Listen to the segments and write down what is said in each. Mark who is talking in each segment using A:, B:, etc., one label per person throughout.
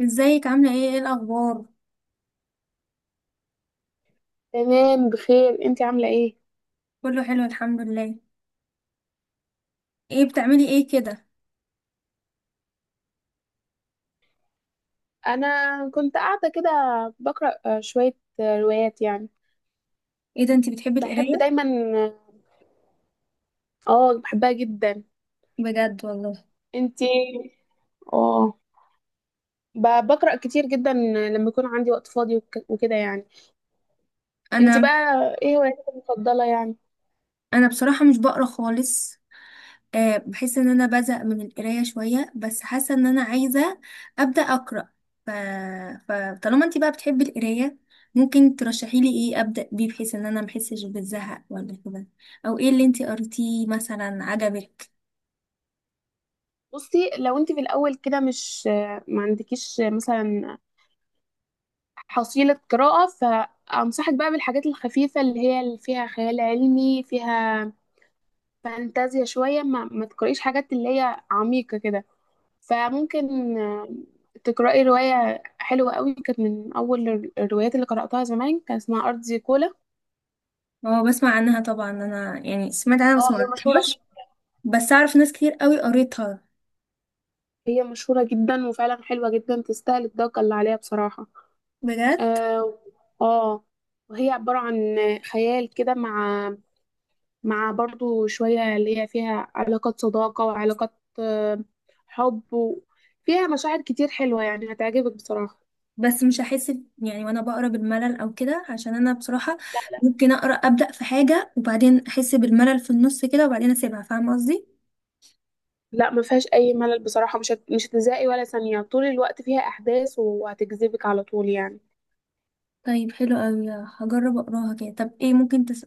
A: ازيك، عاملة ايه؟ ايه الأخبار؟
B: تمام بخير، انتي عاملة ايه؟
A: كله حلو الحمد لله. ايه بتعملي ايه كده؟
B: انا كنت قاعدة كده بقرأ شوية روايات يعني.
A: ايه ده، انتي بتحبي
B: بحب
A: القراية؟
B: دايما. اه. بحبها جدا.
A: بجد والله.
B: انتي اه بقرأ كتير جدا لما يكون عندي وقت فاضي وكده يعني. انتي
A: انا
B: بقى، ايه هواياتك المفضلة يعني؟
A: انا بصراحة مش بقرا خالص. بحس ان انا بزهق من القراية شوية، بس حاسة ان انا عايزة أبدأ أقرأ. ف... فطالما انتي بقى بتحبي القراية، ممكن ترشحي لي ايه أبدأ بيه بحيث ان انا محسش بالزهق ولا كده؟ او ايه اللي انتي قريتيه مثلا عجبك؟
B: بصي، لو انتي في الاول كده مش ما عندكيش مثلا حصيلة قراءة، فأنصحك بقى بالحاجات الخفيفة اللي هي اللي فيها خيال علمي، فيها فانتازيا شوية. ما تقرأيش حاجات اللي هي عميقة كده. فممكن تقرأي رواية حلوة قوي. كانت من أول الروايات اللي قرأتها زمان، كان اسمها أرض زيكولا.
A: اه بسمع عنها طبعا، انا يعني سمعت عنها بس
B: اه،
A: ما
B: هي مشهورة
A: قريتهاش.
B: جدا.
A: بس اعرف ناس كتير قوي قريتها.
B: هي مشهورة جدا، وفعلا حلوة جدا، تستاهل الضجة اللي عليها بصراحة.
A: بجد.
B: اه. آه، وهي عبارة عن خيال كده، مع برضو شوية اللي هي فيها علاقات صداقة وعلاقات حب فيها مشاعر كتير حلوة، يعني هتعجبك بصراحة.
A: بس مش هحس يعني وانا بقرا بالملل او كده، عشان انا بصراحه ممكن اقرا ابدا في حاجه وبعدين احس بالملل في النص كده وبعدين اسيبها، فاهمه قصدي؟
B: لا، ما فيهاش اي ملل بصراحه. مش هتزهقي ولا ثانيه، طول الوقت فيها احداث وهتجذبك على طول يعني.
A: طيب حلو قوي، هجرب اقراها كده. طب ايه ممكن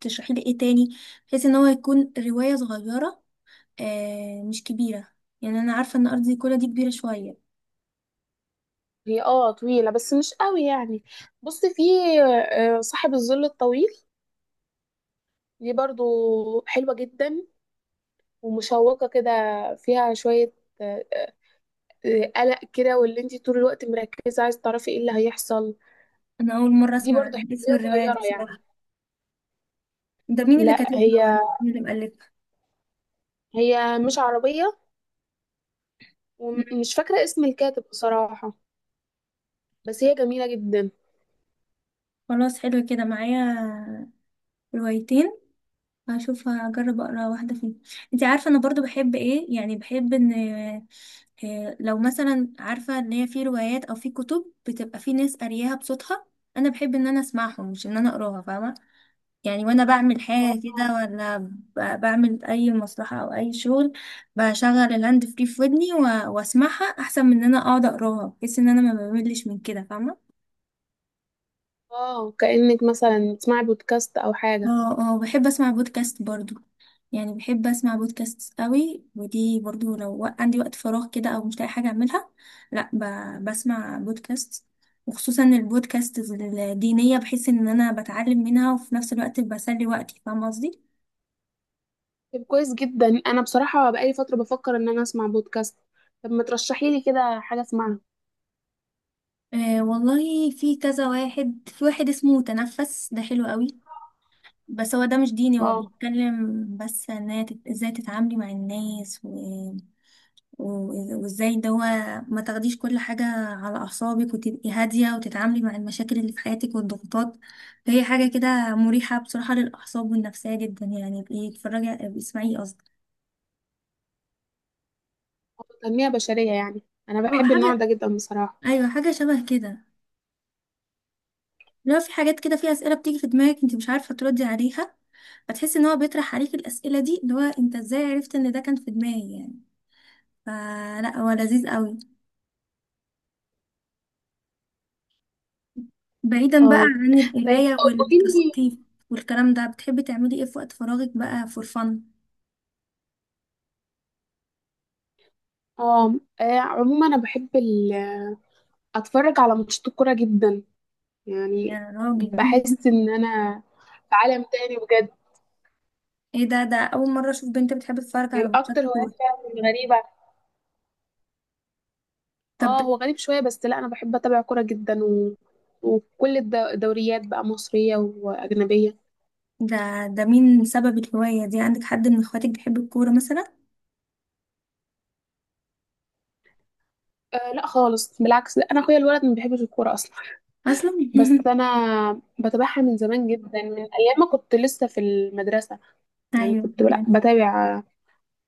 A: تشرحي لي ايه تاني بحيث ان هو يكون روايه صغيره، آه، مش كبيره؟ يعني انا عارفه ان ارض كلها دي كبيره شويه.
B: هي اه طويله بس مش قوي يعني. بصي في صاحب الظل الطويل. دي برضو حلوه جدا ومشوقه كده. فيها شويه آه، آه، قلق كده، واللي انت طول الوقت مركزه عايز تعرفي ايه اللي هيحصل.
A: انا اول مره
B: دي
A: اسمع
B: برضو
A: عن اسم
B: حلوه
A: الروايه دي
B: صغيره يعني.
A: بصراحه. ده مين اللي
B: لا،
A: كاتبها
B: هي
A: ولا مين اللي مؤلفها؟
B: هي مش عربيه،
A: مم.
B: ومش فاكره اسم الكاتب بصراحه. بس هي جميله جدا.
A: خلاص، حلو كده معايا روايتين، هشوف هجرب اقرا واحده فيهم. انت عارفه انا برضو بحب ايه؟ يعني بحب ان، لو مثلا عارفه ان هي في روايات او في كتب بتبقى في ناس قارياها بصوتها، انا بحب ان انا اسمعهم مش ان انا اقراها، فاهمه؟ يعني وانا بعمل حاجه كده، ولا بعمل اي مصلحه او اي شغل، بشغل الهاند فري في ودني واسمعها احسن من ان انا اقعد اقراها، بحيث ان انا ما بملش من كده، فاهمه؟
B: اه، كأنك مثلا بتسمعي بودكاست او حاجه.
A: اه اه، بحب اسمع بودكاست برضو. يعني بحب اسمع بودكاست قوي، ودي برضو لو عندي وقت فراغ كده او مش لاقي حاجه اعملها، لا ب... بسمع بودكاست. وخصوصا البودكاست الدينيه، بحس ان انا بتعلم منها وفي نفس الوقت بسلي وقتي، فاهمه قصدي؟
B: طب كويس جدا، انا بصراحه بقالي فتره بفكر ان انا اسمع بودكاست. طب ما ترشحي لي كده حاجه اسمعها.
A: والله في كذا واحد، في واحد اسمه تنفس، ده حلو قوي. بس هو ده مش ديني، هو
B: اه.
A: بيتكلم بس ان هي ازاي تتعاملي مع الناس، وازاي ان هو ما تاخديش كل حاجة على أعصابك، وتبقي هادية وتتعاملي مع المشاكل اللي في حياتك والضغوطات. فهي حاجة كده مريحة بصراحة للأعصاب والنفسية جدا، يعني ابقي اتفرجي، ابقي اسمعيه قصدي.
B: تنميه بشريه يعني. انا
A: اه
B: بحب النوع ده
A: حاجة،
B: جدا بصراحه.
A: أيوة حاجة شبه كده. لو في حاجات كده، في أسئلة بتيجي في دماغك انت مش عارفة تردي عليها، فتحسي ان هو بيطرح عليك الأسئلة دي، اللي هو انت ازاي عرفت ان ده كان في دماغي يعني؟ فلا، هو لذيذ قوي. بعيدا بقى
B: اه،
A: عن
B: طيب
A: القراية
B: قولي لي.
A: والتثقيف والكلام ده، بتحبي تعملي ايه في وقت فراغك بقى فور فن؟
B: اه. عموما انا بحب اتفرج على ماتشات الكوره جدا يعني.
A: يا راجل!
B: بحس ان انا في عالم تاني بجد.
A: ايه ده؟ اول مرة اشوف بنت بتحب تتفرج على
B: طيب
A: ماتشات
B: اكتر هوايات
A: كورة.
B: فعلا غريبه.
A: طب
B: اه، هو غريب شوية، بس لا انا بحب اتابع كورة جدا وكل الدوريات بقى، مصرية واجنبية.
A: ده ده مين سبب الهواية دي عندك؟ حد من اخواتك بيحب الكورة مثلا؟
B: آه، لا خالص، بالعكس. لا انا اخويا الولد ما بيحبش الكورة اصلا.
A: اصلا.
B: بس انا بتابعها من زمان جدا، من ايام ما كنت لسه في المدرسة. يعني
A: ايوه
B: كنت لا
A: فهمت.
B: بتابع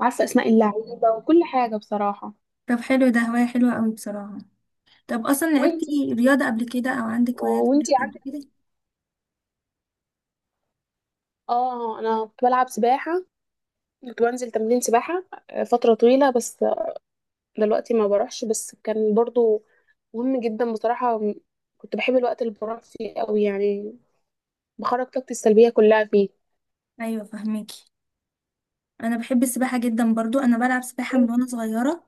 B: عارفة اسماء اللعيبة وكل حاجة بصراحة.
A: طب حلو، ده هواية حلوة قوي بصراحة. طب اصلا لعبتي
B: وانتي.
A: رياضة قبل كده، او عندك هوايات في
B: وانتي
A: الرياضة قبل
B: عارفة؟
A: كده؟
B: اه، انا كنت بلعب سباحة. كنت بنزل تمرين سباحة فترة طويلة. بس دلوقتي ما بروحش. بس كان برضو مهم جدا بصراحة. كنت بحب الوقت اللي بروح فيه قوي يعني، بخرج طاقتي السلبية كلها فيه.
A: ايوه فهماكي. انا بحب السباحة جدا برضو، انا بلعب سباحة من وانا صغيرة.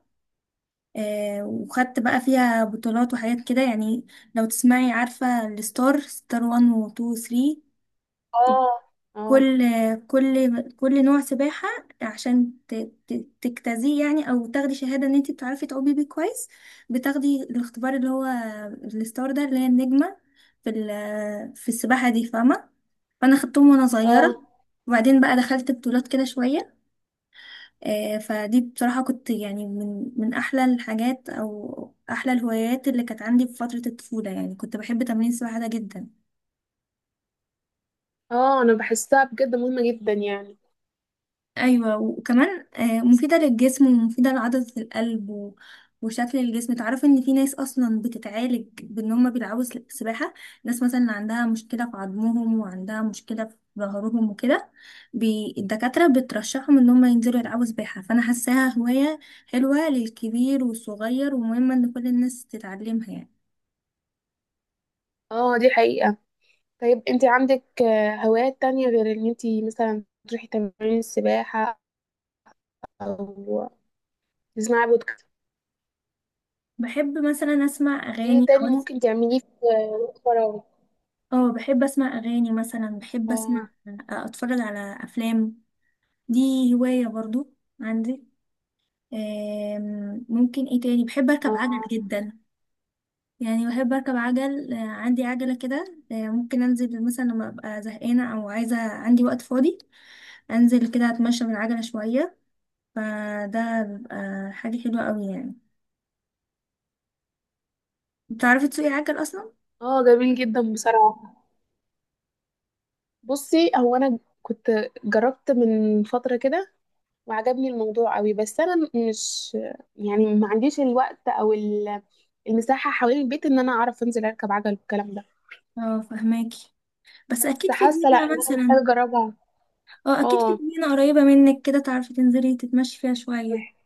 A: وخدت بقى فيها بطولات وحاجات كده يعني. لو تسمعي، عارفة الستار، ستار 1 و 2 و 3،
B: اه. اه.
A: كل كل نوع سباحة عشان تجتازيه يعني، او تاخدي شهادة ان انت بتعرفي تعومي بيه كويس. بتاخدي الاختبار اللي هو الستار ده، اللي هي النجمة في في السباحة دي، فاهمة؟ فانا خدتهم وانا صغيرة،
B: اه.
A: وبعدين بقى دخلت بطولات كده شوية. فدي بصراحة كنت يعني من أحلى الحاجات أو أحلى الهوايات اللي كانت عندي في فترة الطفولة، يعني كنت بحب تمرين السباحة ده جدا.
B: اه، انا بحسها بجد مهمة جدا يعني.
A: ايوه وكمان مفيده للجسم ومفيده لعضله القلب وشكل الجسم. تعرف ان في ناس اصلا بتتعالج بان هم بيلعبوا سباحه، ناس مثلا عندها مشكله في عظمهم وعندها مشكله في ظهرهم وكده، الدكاتره بترشحهم ان هم ينزلوا يلعبوا سباحه. فانا حاساها هوايه حلوه للكبير والصغير، ومهمه ان كل الناس تتعلمها يعني.
B: اه، دي حقيقة. طيب انت عندك هوايات تانية غير ان انت مثلا تروحي تمارين السباحة او تسمعي بودكاست؟
A: بحب مثلا اسمع
B: ايه
A: اغاني او،
B: تاني ممكن تعمليه في وقت فراغك؟
A: اه بحب اسمع اغاني مثلا، بحب اسمع
B: اه.
A: آه، اتفرج على افلام، دي هواية برضو عندي. ممكن ايه تاني، بحب اركب
B: اه.
A: عجل جدا. يعني بحب اركب عجل، عندي عجلة كده. ممكن انزل مثلا لما ابقى زهقانة او عايزة، عندي وقت فاضي، انزل كده اتمشى بالعجلة شوية. فده بيبقى حاجة حلوة قوي يعني. بتعرفي تسوقي عجل اصلا؟
B: اه، جميل جدا بصراحة. بصي، هو انا كنت جربت من فتره كده وعجبني الموضوع قوي، بس انا مش يعني ما عنديش الوقت او المساحه حوالين البيت ان انا اعرف انزل اركب عجل والكلام ده.
A: اه فهماكي. بس
B: بس
A: اكيد في
B: حاسه لا،
A: جنينة
B: ان انا محتاجه
A: مثلا،
B: اجربها.
A: اه اكيد في
B: اه.
A: جنينة قريبة منك كده، تعرفي تنزلي تتمشي فيها
B: مح-
A: شوية.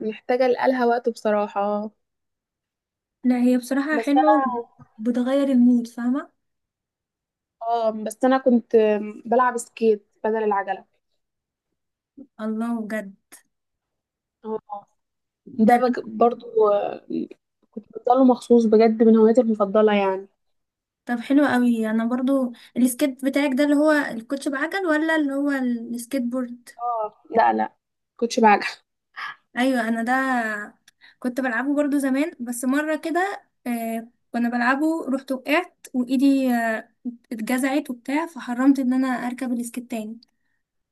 B: محتاجه لقالها وقت بصراحه.
A: لا هي بصراحة
B: بس
A: حلوة
B: انا.
A: وبتغير المود، فاهمة؟
B: اه، بس انا كنت بلعب سكيت بدل العجله.
A: الله، بجد؟
B: اه.
A: ده
B: ده برضو كنت بفضله مخصوص بجد، من هواياتي المفضله يعني.
A: طب حلو قوي، انا برضو السكيت بتاعك ده اللي هو الكوتش بعجل، ولا اللي هو السكيت بورد؟
B: اه، لا لا كنتش بعجل.
A: ايوه انا ده كنت بلعبه برضو زمان، بس مره كده، كنا بلعبه رحت وقعت وايدي اتجزعت وبتاع، فحرمت ان انا اركب السكيت تاني،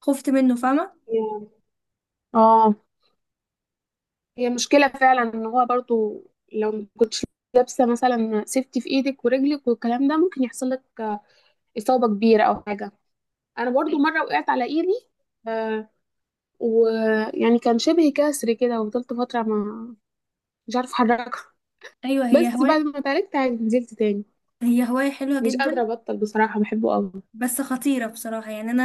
A: خفت منه فاهمه؟
B: اه، هي مشكلة فعلا، ان هو برضو لو ما كنتش لابسة مثلا سيفتي في ايدك ورجلك والكلام ده، ممكن يحصل لك إصابة كبيرة او حاجة. انا برضو
A: أي-
B: مرة وقعت على ايدي. آه ويعني كان شبه كسر كده، وفضلت فترة ما مش عارفة احركها.
A: ايوه، هي
B: بس بعد
A: هوايه،
B: ما اتعالجت عادي نزلت تاني.
A: هي هوايه حلوه
B: مش قادرة
A: جدا،
B: ابطل بصراحة، بحبه قوي.
A: بس خطيرة بصراحة يعني. أنا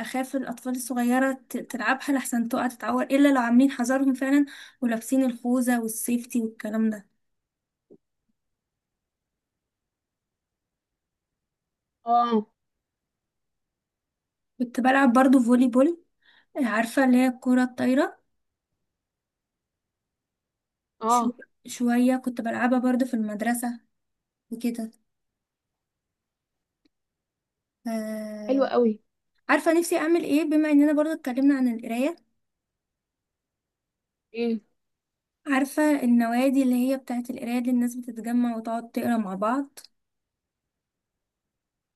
A: أخاف الأطفال الصغيرة تلعبها، لحسن تقع تتعور، إلا لو عاملين حذرهم فعلا ولابسين الخوذة والسيفتي والكلام ده.
B: اه.
A: كنت بلعب برضو فولي بول، عارفة اللي هي الكرة الطايرة؟ شو
B: اه،
A: شوية كنت بلعبها برضو في المدرسة وكده.
B: حلو
A: آه...
B: قوي.
A: عارفة نفسي أعمل إيه بما إننا برضو اتكلمنا عن القراية؟
B: ايه.
A: عارفة النوادي اللي هي بتاعت القراية، اللي الناس بتتجمع وتقعد تقرا مع بعض؟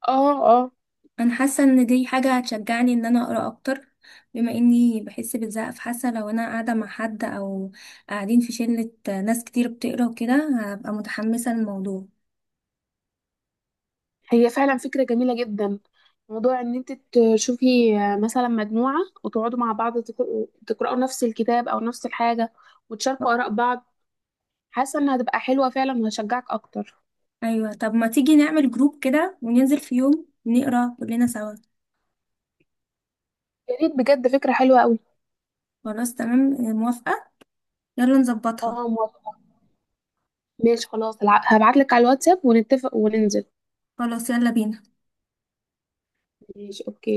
B: اه. اه،
A: انا حاسه ان دي حاجه هتشجعني ان انا اقرا اكتر، بما اني بحس بالزهق. فحاسه لو انا قاعده مع حد، او قاعدين في شله ناس كتير بتقرا وكده، هبقى متحمسه للموضوع.
B: هي فعلا فكرة جميلة جدا. موضوع ان انت تشوفي مثلا مجموعة، وتقعدوا مع بعض تقرأوا نفس الكتاب او نفس الحاجة، وتشاركوا آراء بعض. حاسة انها هتبقى حلوة فعلا، وهشجعك اكتر.
A: ايوه طب ما تيجي نعمل جروب كده وننزل في يوم نقرا كلنا سوا.
B: يا ريت بجد، فكرة حلوة قوي.
A: خلاص تمام، موافقه، يلا نظبطها.
B: اه، موافقة. ماشي خلاص، هبعت لك على الواتساب ونتفق وننزل.
A: خلاص يلا بينا.
B: ماشي اوكي.